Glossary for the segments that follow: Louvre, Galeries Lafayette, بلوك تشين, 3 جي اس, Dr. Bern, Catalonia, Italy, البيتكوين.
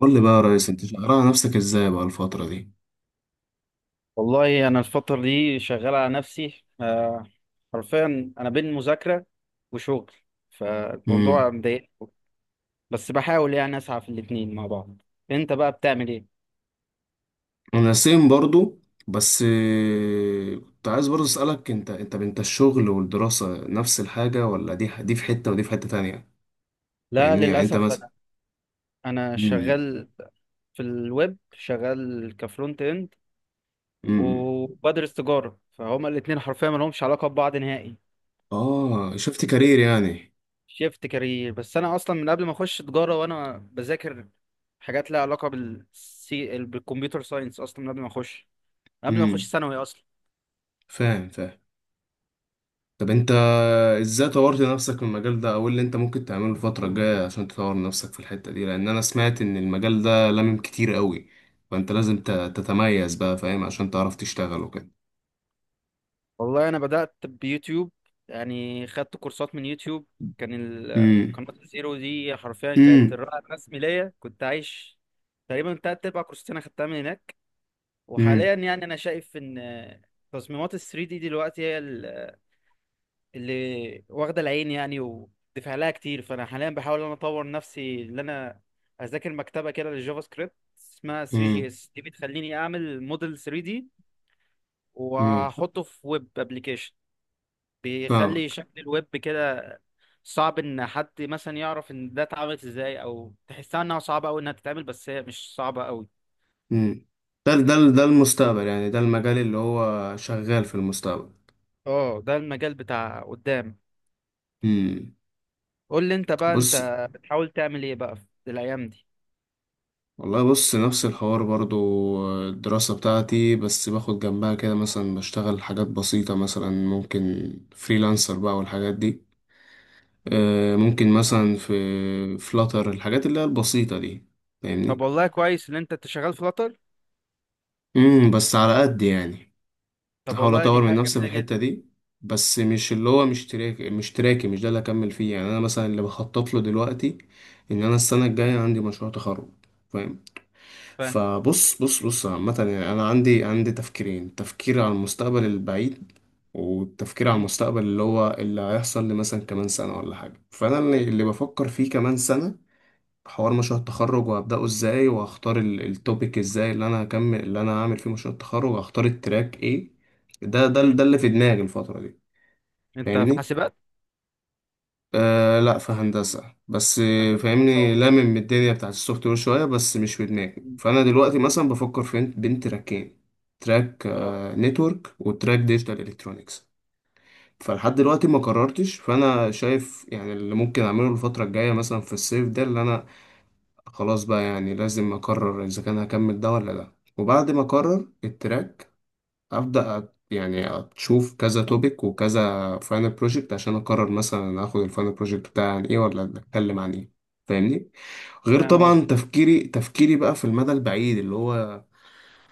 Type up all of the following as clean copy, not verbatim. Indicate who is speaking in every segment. Speaker 1: قول لي بقى يا ريس، انت شغال على نفسك ازاي بقى الفترة دي؟
Speaker 2: والله انا الفتره دي شغال على نفسي حرفيا انا بين مذاكره وشغل، فالموضوع
Speaker 1: امم.
Speaker 2: مضايق. بس بحاول يعني اسعى في الاتنين مع بعض. انت بقى بتعمل ايه؟
Speaker 1: انا سيم برضو. بس كنت عايز برضو اسألك، انت الشغل والدراسة نفس الحاجة، ولا دي في حتة ودي في حتة تانية؟
Speaker 2: لا
Speaker 1: فاهمني؟ يعني انت
Speaker 2: للاسف،
Speaker 1: مثلا.
Speaker 2: انا
Speaker 1: امم،
Speaker 2: شغال في الويب، شغال كفرونت اند،
Speaker 1: امم.
Speaker 2: وبدرس تجاره، فهما الاتنين حرفيا ما لهمش علاقه ببعض نهائي.
Speaker 1: اه، شفت كارير يعني.
Speaker 2: شيفت كارير، بس انا اصلا من قبل ما اخش تجاره وانا بذاكر حاجات لها علاقه بالكمبيوتر ساينس، اصلا من قبل ما اخش قبل ما اخش
Speaker 1: امم.
Speaker 2: ثانوي اصلا.
Speaker 1: فاهم، فاهم. طب انت، ازاي طورت نفسك في المجال ده، او ايه اللي انت ممكن تعمله الفترة الجاية عشان تطور نفسك في الحتة دي، لان انا سمعت ان المجال ده كتير قوي، فانت لازم تتميز بقى، فاهم؟ عشان تعرف تشتغل وكده.
Speaker 2: والله انا بدات بيوتيوب، يعني خدت كورسات من يوتيوب. كان
Speaker 1: امم،
Speaker 2: قناه الزيرو دي حرفيا كانت
Speaker 1: امم،
Speaker 2: الرائد الرسمي ليا، كنت عايش. تقريبا تلات ارباع كورسات انا خدتها من هناك.
Speaker 1: امم،
Speaker 2: وحاليا يعني انا شايف ان تصميمات ال 3 دي دلوقتي هي اللي واخده العين يعني، ودفع لها كتير، فانا حاليا بحاول ان انا اطور نفسي، ان انا اذاكر مكتبه كده للجافا سكريبت اسمها 3 جي
Speaker 1: امم،
Speaker 2: اس دي، بتخليني اعمل موديل 3 دي
Speaker 1: امم.
Speaker 2: واحطه في ويب ابلكيشن، بيخلي
Speaker 1: فاهمك.
Speaker 2: شكل الويب كده صعب ان حد مثلا يعرف ان ده اتعملت ازاي، او تحسها انها صعبه قوي انها تتعمل، بس هي مش صعبه قوي.
Speaker 1: امم. ده ده ده المستقبل، يعني ده المجال اللي هو شغال في المستقبل.
Speaker 2: اه، ده المجال بتاع قدام.
Speaker 1: امم.
Speaker 2: قول لي انت بقى
Speaker 1: بص،
Speaker 2: انت بتحاول تعمل ايه بقى في الايام دي؟
Speaker 1: والله بص، نفس الحوار برضو. الدراسة بتاعتي، بس باخد جنبها كده، مثلا بشتغل حاجات بسيطة، مثلا ممكن فريلانسر بقى والحاجات دي.
Speaker 2: مم.
Speaker 1: ممكن مثلا في فلاتر، الحاجات اللي هي البسيطة دي.
Speaker 2: طب
Speaker 1: فاهمني؟
Speaker 2: والله كويس ان انت شغال فلاتر.
Speaker 1: امم. بس على قد يعني،
Speaker 2: طب
Speaker 1: احاول
Speaker 2: والله دي
Speaker 1: اطور من
Speaker 2: حاجه
Speaker 1: نفسي في
Speaker 2: جميله
Speaker 1: الحتة
Speaker 2: جدا.
Speaker 1: دي. بس مش اللي هو، مش تراكي، مش ده اللي اكمل فيه. يعني انا مثلا اللي بخطط له دلوقتي ان انا السنة الجاية عندي مشروع تخرج، فاهم؟
Speaker 2: فاهم.
Speaker 1: فبص، بص، عامة يعني أنا عندي تفكيرين: تفكير على المستقبل البعيد، والتفكير على
Speaker 2: مم.
Speaker 1: المستقبل اللي هو اللي هيحصل لي مثلا كمان سنة ولا حاجة. فأنا اللي بفكر فيه كمان سنة، حوار مشروع التخرج، وهبدأه ازاي، وهختار التوبيك ازاي اللي أنا هكمل، اللي أنا هعمل فيه مشروع التخرج، وهختار التراك ايه. ده
Speaker 2: مم.
Speaker 1: اللي في دماغي الفترة دي.
Speaker 2: انت في
Speaker 1: فاهمني؟
Speaker 2: حاسبات؟
Speaker 1: آه، لا، في هندسة. بس
Speaker 2: هندسه، ما شاء
Speaker 1: فاهمني،
Speaker 2: الله.
Speaker 1: الدنيا بتاعت السوفت وير شوية، بس مش في دماغي.
Speaker 2: مم.
Speaker 1: فأنا دلوقتي مثلا بفكر في بين تراكين: تراك
Speaker 2: اه،
Speaker 1: نتورك، وتراك ديجيتال الكترونيكس. فلحد دلوقتي ما قررتش. فأنا شايف يعني اللي ممكن أعمله الفترة الجاية، مثلا في الصيف ده اللي أنا، خلاص بقى يعني لازم أقرر إذا كان هكمل ده ولا لأ. وبعد ما أقرر التراك، يعني اشوف كذا توبيك وكذا فاينل بروجكت عشان اقرر مثلا اخد الفاينل بروجكت بتاعي عن ايه، ولا اتكلم عن ايه، فاهمني؟ غير
Speaker 2: فاهم
Speaker 1: طبعا
Speaker 2: قصدي.
Speaker 1: تفكيري بقى في المدى البعيد، اللي هو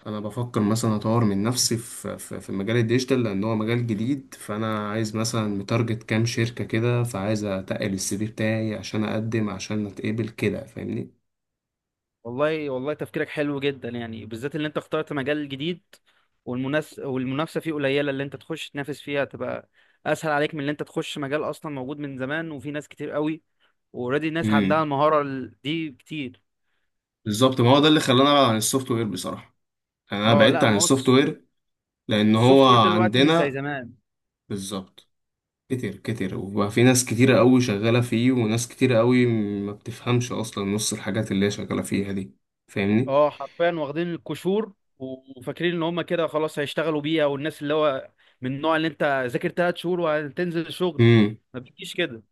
Speaker 1: انا بفكر مثلا اطور من نفسي في في مجال الديجيتال، لان هو مجال جديد. فانا عايز مثلا متارجت كام شركة كده، فعايز اتقل السي في بتاعي عشان اقدم عشان اتقبل كده، فاهمني؟
Speaker 2: والله والله تفكيرك حلو جدا، يعني بالذات اللي انت اخترت مجال جديد والمنافسه فيه قليله، اللي انت تخش تنافس فيها تبقى اسهل عليك من اللي انت تخش مجال اصلا موجود من زمان وفي ناس كتير قوي اوريدي ناس عندها
Speaker 1: امم.
Speaker 2: المهاره دي كتير.
Speaker 1: بالظبط، ما هو ده اللي خلاني ابعد عن السوفت وير بصراحة. يعني انا
Speaker 2: اه
Speaker 1: بعدت
Speaker 2: لا، ما
Speaker 1: عن
Speaker 2: هو
Speaker 1: السوفت وير لان
Speaker 2: السوفت
Speaker 1: هو
Speaker 2: وير دلوقتي مش زي
Speaker 1: عندنا،
Speaker 2: زمان.
Speaker 1: بالظبط، كتير كتير، وبقى في ناس كتيرة قوي شغالة فيه، وناس كتيرة قوي ما بتفهمش اصلا نص الحاجات اللي هي شغالة فيها دي. فاهمني؟
Speaker 2: اه حرفيا واخدين القشور، وفاكرين ان هم كده خلاص هيشتغلوا بيها، والناس اللي هو من النوع اللي انت ذاكر ثلاث شهور وهتنزل الشغل، ما بتجيش كده.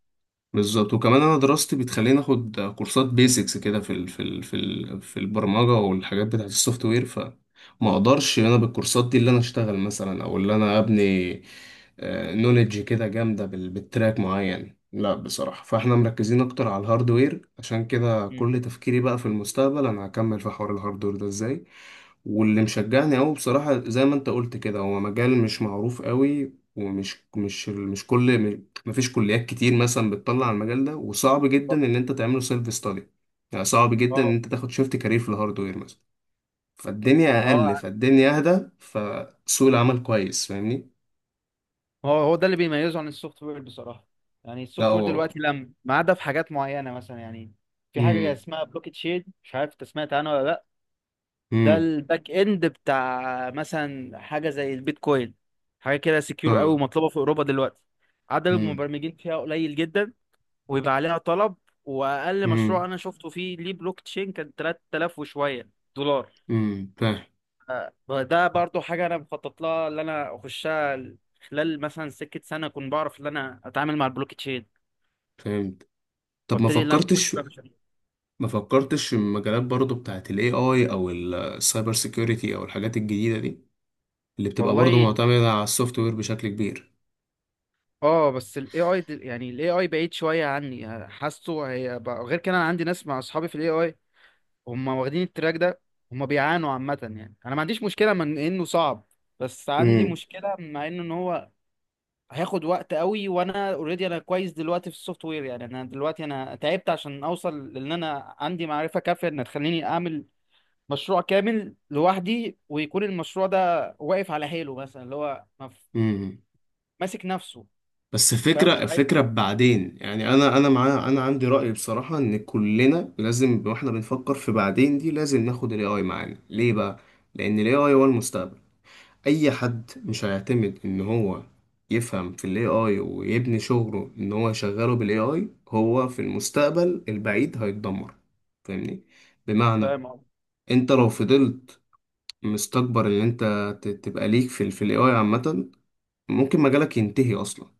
Speaker 1: بالظبط. وكمان انا دراستي بتخليني اخد كورسات بيسكس كده في البرمجه، والحاجات بتاعه السوفت وير، فما اقدرش انا بالكورسات دي اللي انا اشتغل مثلا، او اللي انا ابني نولج كده جامده بالتراك معين. لا بصراحه، فاحنا مركزين اكتر على الهاردوير، عشان كده
Speaker 2: مم.
Speaker 1: كل تفكيري بقى في المستقبل انا هكمل في حوار الهاردوير ده ازاي. واللي مشجعني قوي بصراحة، زي ما انت قلت كده، هو مجال مش معروف قوي، ومش مش مش كل، مفيش كليات كتير مثلا بتطلع على المجال ده، وصعب جدا ان انت تعمله سيلف ستادي. يعني صعب جدا ان
Speaker 2: اه
Speaker 1: انت تاخد شيفت كارير في الهاردوير مثلا، فالدنيا اقل،
Speaker 2: اه.
Speaker 1: فالدنيا اهدى، فسوق العمل كويس، فاهمني؟
Speaker 2: هو هو ده اللي بيميزه عن السوفت وير بصراحة، يعني
Speaker 1: لا
Speaker 2: السوفت وير
Speaker 1: هو.
Speaker 2: دلوقتي لم ما عدا في حاجات معينة مثلا يعني. في حاجة
Speaker 1: امم،
Speaker 2: اسمها بلوكت شيد، مش عارف انت سمعت عنها ولا لا؟ ده
Speaker 1: امم.
Speaker 2: الباك اند بتاع مثلا حاجة زي البيتكوين، حاجة كده سكيور قوي
Speaker 1: اه.
Speaker 2: ومطلوبة في أوروبا دلوقتي، عدد
Speaker 1: امم،
Speaker 2: المبرمجين فيها قليل جدا، ويبقى عليها طلب. وأقل مشروع
Speaker 1: امم،
Speaker 2: أنا شفته فيه ليه بلوك تشين كان 3000 وشوية دولار.
Speaker 1: امم. فاهم.
Speaker 2: ده برضو حاجة أنا مخطط لها، اللي أنا أخشها خلال مثلا سكة سنة أكون بعرف إن أنا أتعامل مع البلوك تشين،
Speaker 1: فهمت. طب ما
Speaker 2: وأبتدي إن أنا أخش
Speaker 1: فكرتش
Speaker 2: بقى مشاريع.
Speaker 1: ما فكرتش في المجالات برضو بتاعت الاي اي، او السايبر سيكيورتي، او الحاجات الجديدة دي اللي بتبقى برضو
Speaker 2: والله
Speaker 1: معتمدة على السوفت وير بشكل كبير؟
Speaker 2: اه، بس الاي اي، يعني الاي اي بعيد شويه عني، حاسه هي بقى غير كده. انا عندي ناس مع اصحابي في الاي اي، هم واخدين التراك ده، هم بيعانوا عامه، يعني انا ما عنديش مشكله من انه صعب، بس عندي
Speaker 1: امم،
Speaker 2: مشكله مع انه ان هو هياخد وقت قوي. وانا اوريدي انا كويس دلوقتي في السوفت وير، يعني انا دلوقتي انا تعبت عشان اوصل، لان انا عندي معرفة كافية ان تخليني اعمل مشروع كامل لوحدي، ويكون المشروع ده واقف على حيله، مثلا اللي هو
Speaker 1: امم.
Speaker 2: ماسك نفسه.
Speaker 1: بس
Speaker 2: فاهم، مش
Speaker 1: فكرة،
Speaker 2: عايز.
Speaker 1: فكرة بعدين. يعني أنا عندي رأي بصراحة، إن كلنا لازم وإحنا بنفكر في بعدين دي، لازم ناخد ال AI معانا، ليه بقى؟ لأن ال AI هو المستقبل. أي حد مش هيعتمد إن هو يفهم في ال AI، ويبني شغله إن هو يشغله بال AI، هو في المستقبل البعيد هيتدمر. فاهمني؟ بمعنى،
Speaker 2: فاهم قصدي.
Speaker 1: أنت لو فضلت مستكبر إن أنت تبقى ليك في ال في ال AI عامة، ممكن مجالك ينتهي أصلا.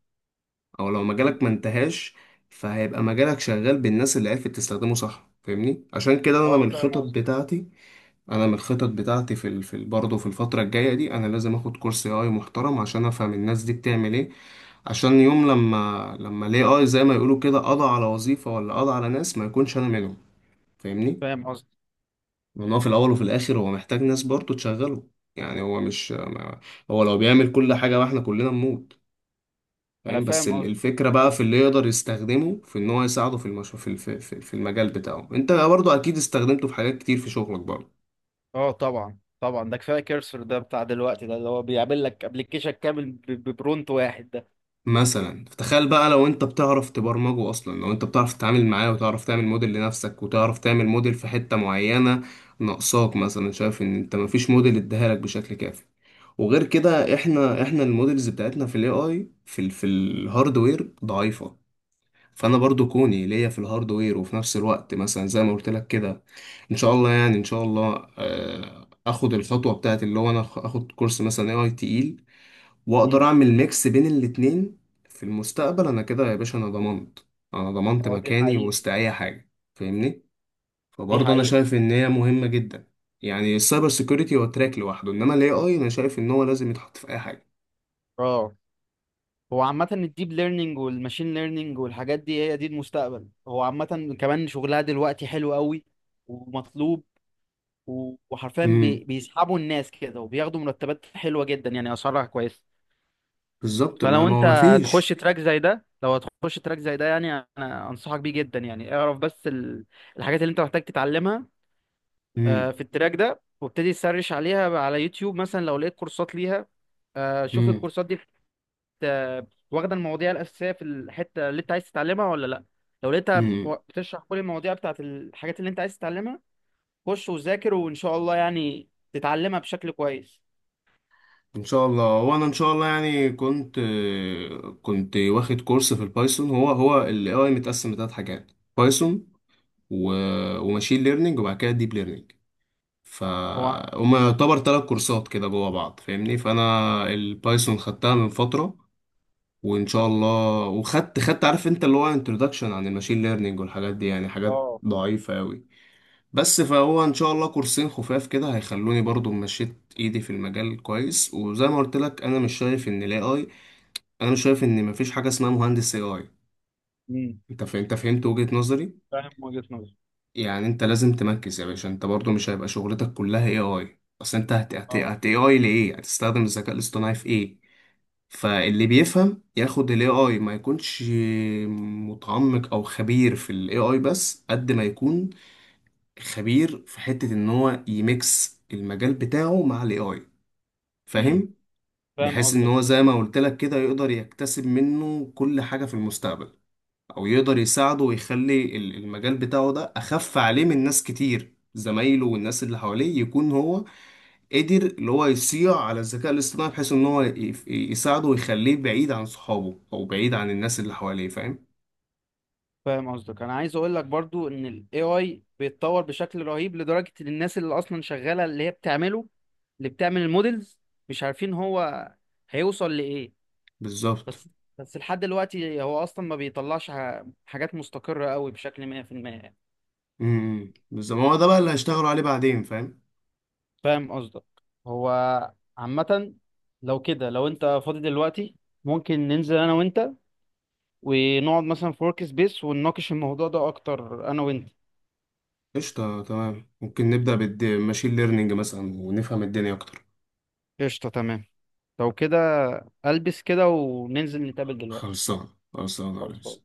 Speaker 1: او لو
Speaker 2: مم.
Speaker 1: مجالك ما انتهاش، فهيبقى مجالك شغال بالناس اللي عرفت تستخدمه صح، فاهمني؟ عشان كده، انا
Speaker 2: اه.
Speaker 1: من
Speaker 2: فاهم
Speaker 1: الخطط
Speaker 2: قصدي.
Speaker 1: بتاعتي، في ال... برضه في الفتره الجايه دي، انا لازم اخد كورس اي اي محترم عشان افهم الناس دي بتعمل ايه، عشان يوم لما الاي اي زي ما يقولوا كده قضى على وظيفه ولا قضى على ناس، ما يكونش انا منهم، فاهمني؟
Speaker 2: فاهم قصدي.
Speaker 1: لان هو في الاول وفي الاخر هو محتاج ناس برضه تشغله. يعني هو مش ما- هو لو بيعمل كل حاجه واحنا كلنا نموت،
Speaker 2: انا
Speaker 1: فاهم؟ بس
Speaker 2: فاهم قصدي.
Speaker 1: الفكرة بقى في اللي يقدر يستخدمه في ان هو يساعده في المش... في الف... في في المجال بتاعه. انت برضو اكيد استخدمته في حاجات كتير في شغلك برضو.
Speaker 2: اه طبعا طبعا، ده كفايه كيرسر ده بتاع دلوقتي، ده اللي هو بيعمل لك ابلكيشن كامل ببرونت واحد ده.
Speaker 1: مثلا تخيل بقى، لو انت بتعرف تبرمجه اصلا، لو انت بتعرف تتعامل معاه، وتعرف تعمل موديل لنفسك، وتعرف تعمل موديل في حتة معينة ناقصاك، مثلا شايف ان انت مفيش موديل اداها لك بشكل كافي. وغير كده، احنا الموديلز بتاعتنا في الاي اي، في ال... في الهاردوير ضعيفة. فانا برضو
Speaker 2: مم.
Speaker 1: كوني ليا في الهاردوير وفي نفس الوقت مثلا زي ما قلت لك كده، ان شاء الله يعني، ان شاء الله اخد الخطوه بتاعت اللي هو انا اخد كورس مثلا اي اي تقيل، واقدر
Speaker 2: مم.
Speaker 1: اعمل ميكس بين الاتنين. في المستقبل انا كده يا باشا، انا ضمنت، انا ضمنت
Speaker 2: اه، دي
Speaker 1: مكاني
Speaker 2: حقيقة.
Speaker 1: وسط اي حاجه، فاهمني؟
Speaker 2: دي
Speaker 1: فبرضه انا
Speaker 2: حقيقة.
Speaker 1: شايف ان هي مهمه جدا. يعني السايبر سيكيورتي هو تراك لوحده، انما الاي اي انا شايف ان هو لازم يتحط في اي حاجه.
Speaker 2: اه، هو عامة الديب ليرنينج والماشين ليرنينج والحاجات دي هي دي المستقبل، هو عامة كمان شغلها دلوقتي حلو قوي ومطلوب، وحرفيا
Speaker 1: امم.
Speaker 2: بيسحبوا الناس كده وبياخدوا مرتبات حلوة جدا، يعني أسعارها كويسة.
Speaker 1: بالظبط، ما
Speaker 2: فلو
Speaker 1: ما هو
Speaker 2: أنت
Speaker 1: ما
Speaker 2: هتخش
Speaker 1: فيش.
Speaker 2: تراك زي ده، لو هتخش تراك زي ده يعني، أنا أنصحك بيه جدا. يعني اعرف بس الحاجات اللي أنت محتاج تتعلمها في التراك ده، وابتدي تسرش عليها على يوتيوب مثلا، لو لقيت كورسات ليها شوف الكورسات دي واخده المواضيع الاساسيه في الحته اللي انت عايز تتعلمها ولا لا. لو لقيتها
Speaker 1: امم.
Speaker 2: بتشرح كل المواضيع بتاعت الحاجات اللي انت عايز تتعلمها، خش وذاكر وان شاء الله يعني تتعلمها بشكل كويس.
Speaker 1: ان شاء الله. وانا ان شاء الله يعني كنت واخد كورس في البايثون. هو هو الاي اي متقسم لثلاث حاجات: بايثون، و... وماشين ليرنينج، وبعد كده ديب ليرنينج. ف،
Speaker 2: هو
Speaker 1: هما يعتبر 3 كورسات كده جوا بعض، فاهمني؟ فانا البايثون خدتها من فتره، وان شاء الله. خدت، عارف انت، اللي هو انتروداكشن عن الماشين ليرنينج والحاجات دي، يعني حاجات
Speaker 2: اه.
Speaker 1: ضعيفه قوي. بس فهو ان شاء الله كورسين خفاف كده هيخلوني برضو مشيت ايدي في المجال كويس. وزي ما قلت لك، انا مش شايف ان الاي اي، انا مش شايف ان مفيش حاجه اسمها مهندس اي اي.
Speaker 2: امم
Speaker 1: انت فهمت وجهه نظري؟
Speaker 2: فاهم وجهة نظري.
Speaker 1: يعني انت لازم تمركز يا باشا، انت برضو مش هيبقى شغلتك كلها اي اي، اصل انت هت هت
Speaker 2: اه.
Speaker 1: هت اي اي لايه؟ هتستخدم الذكاء الاصطناعي في ايه؟ فاللي بيفهم ياخد الاي اي، ما يكونش متعمق او خبير في الاي اي، بس قد ما يكون خبير في حتة ان هو يميكس المجال بتاعه مع الاي اي،
Speaker 2: امم
Speaker 1: فاهم؟
Speaker 2: فاهم
Speaker 1: بحيث ان
Speaker 2: قصدك.
Speaker 1: هو، زي ما قلت لك كده، يقدر يكتسب منه كل حاجة في المستقبل، او يقدر يساعده ويخلي المجال بتاعه ده اخف عليه من ناس كتير، زمايله والناس اللي حواليه، يكون هو قدر اللي هو يصيع على الذكاء الاصطناعي، بحيث ان هو يساعده ويخليه بعيد عن صحابه او بعيد عن الناس اللي حواليه، فاهم؟
Speaker 2: فاهم قصدك. انا عايز اقول لك برضو ان الاي اي بيتطور بشكل رهيب، لدرجه ان الناس اللي اصلا شغاله اللي هي بتعمله، اللي بتعمل المودلز، مش عارفين هو هيوصل لايه.
Speaker 1: بالظبط.
Speaker 2: بس بس لحد دلوقتي هو اصلا ما بيطلعش حاجات مستقرة قوي بشكل 100% يعني.
Speaker 1: امم. بالظبط، ما هو ده بقى اللي هيشتغلوا عليه بعدين، فاهم؟
Speaker 2: فاهم قصدك. هو عامة، لو كده، لو انت فاضي دلوقتي، ممكن ننزل انا وانت، ونقعد مثلا في ورك سبيس، ونناقش الموضوع ده اكتر انا وانت.
Speaker 1: قشطة، تمام. ممكن نبدأ بالماشين ليرنينج مثلا ونفهم الدنيا أكتر.
Speaker 2: قشطة تمام. لو كده البس كده وننزل نتقابل دلوقتي.
Speaker 1: خلصان، خلصان يا
Speaker 2: خلاص.
Speaker 1: ريس.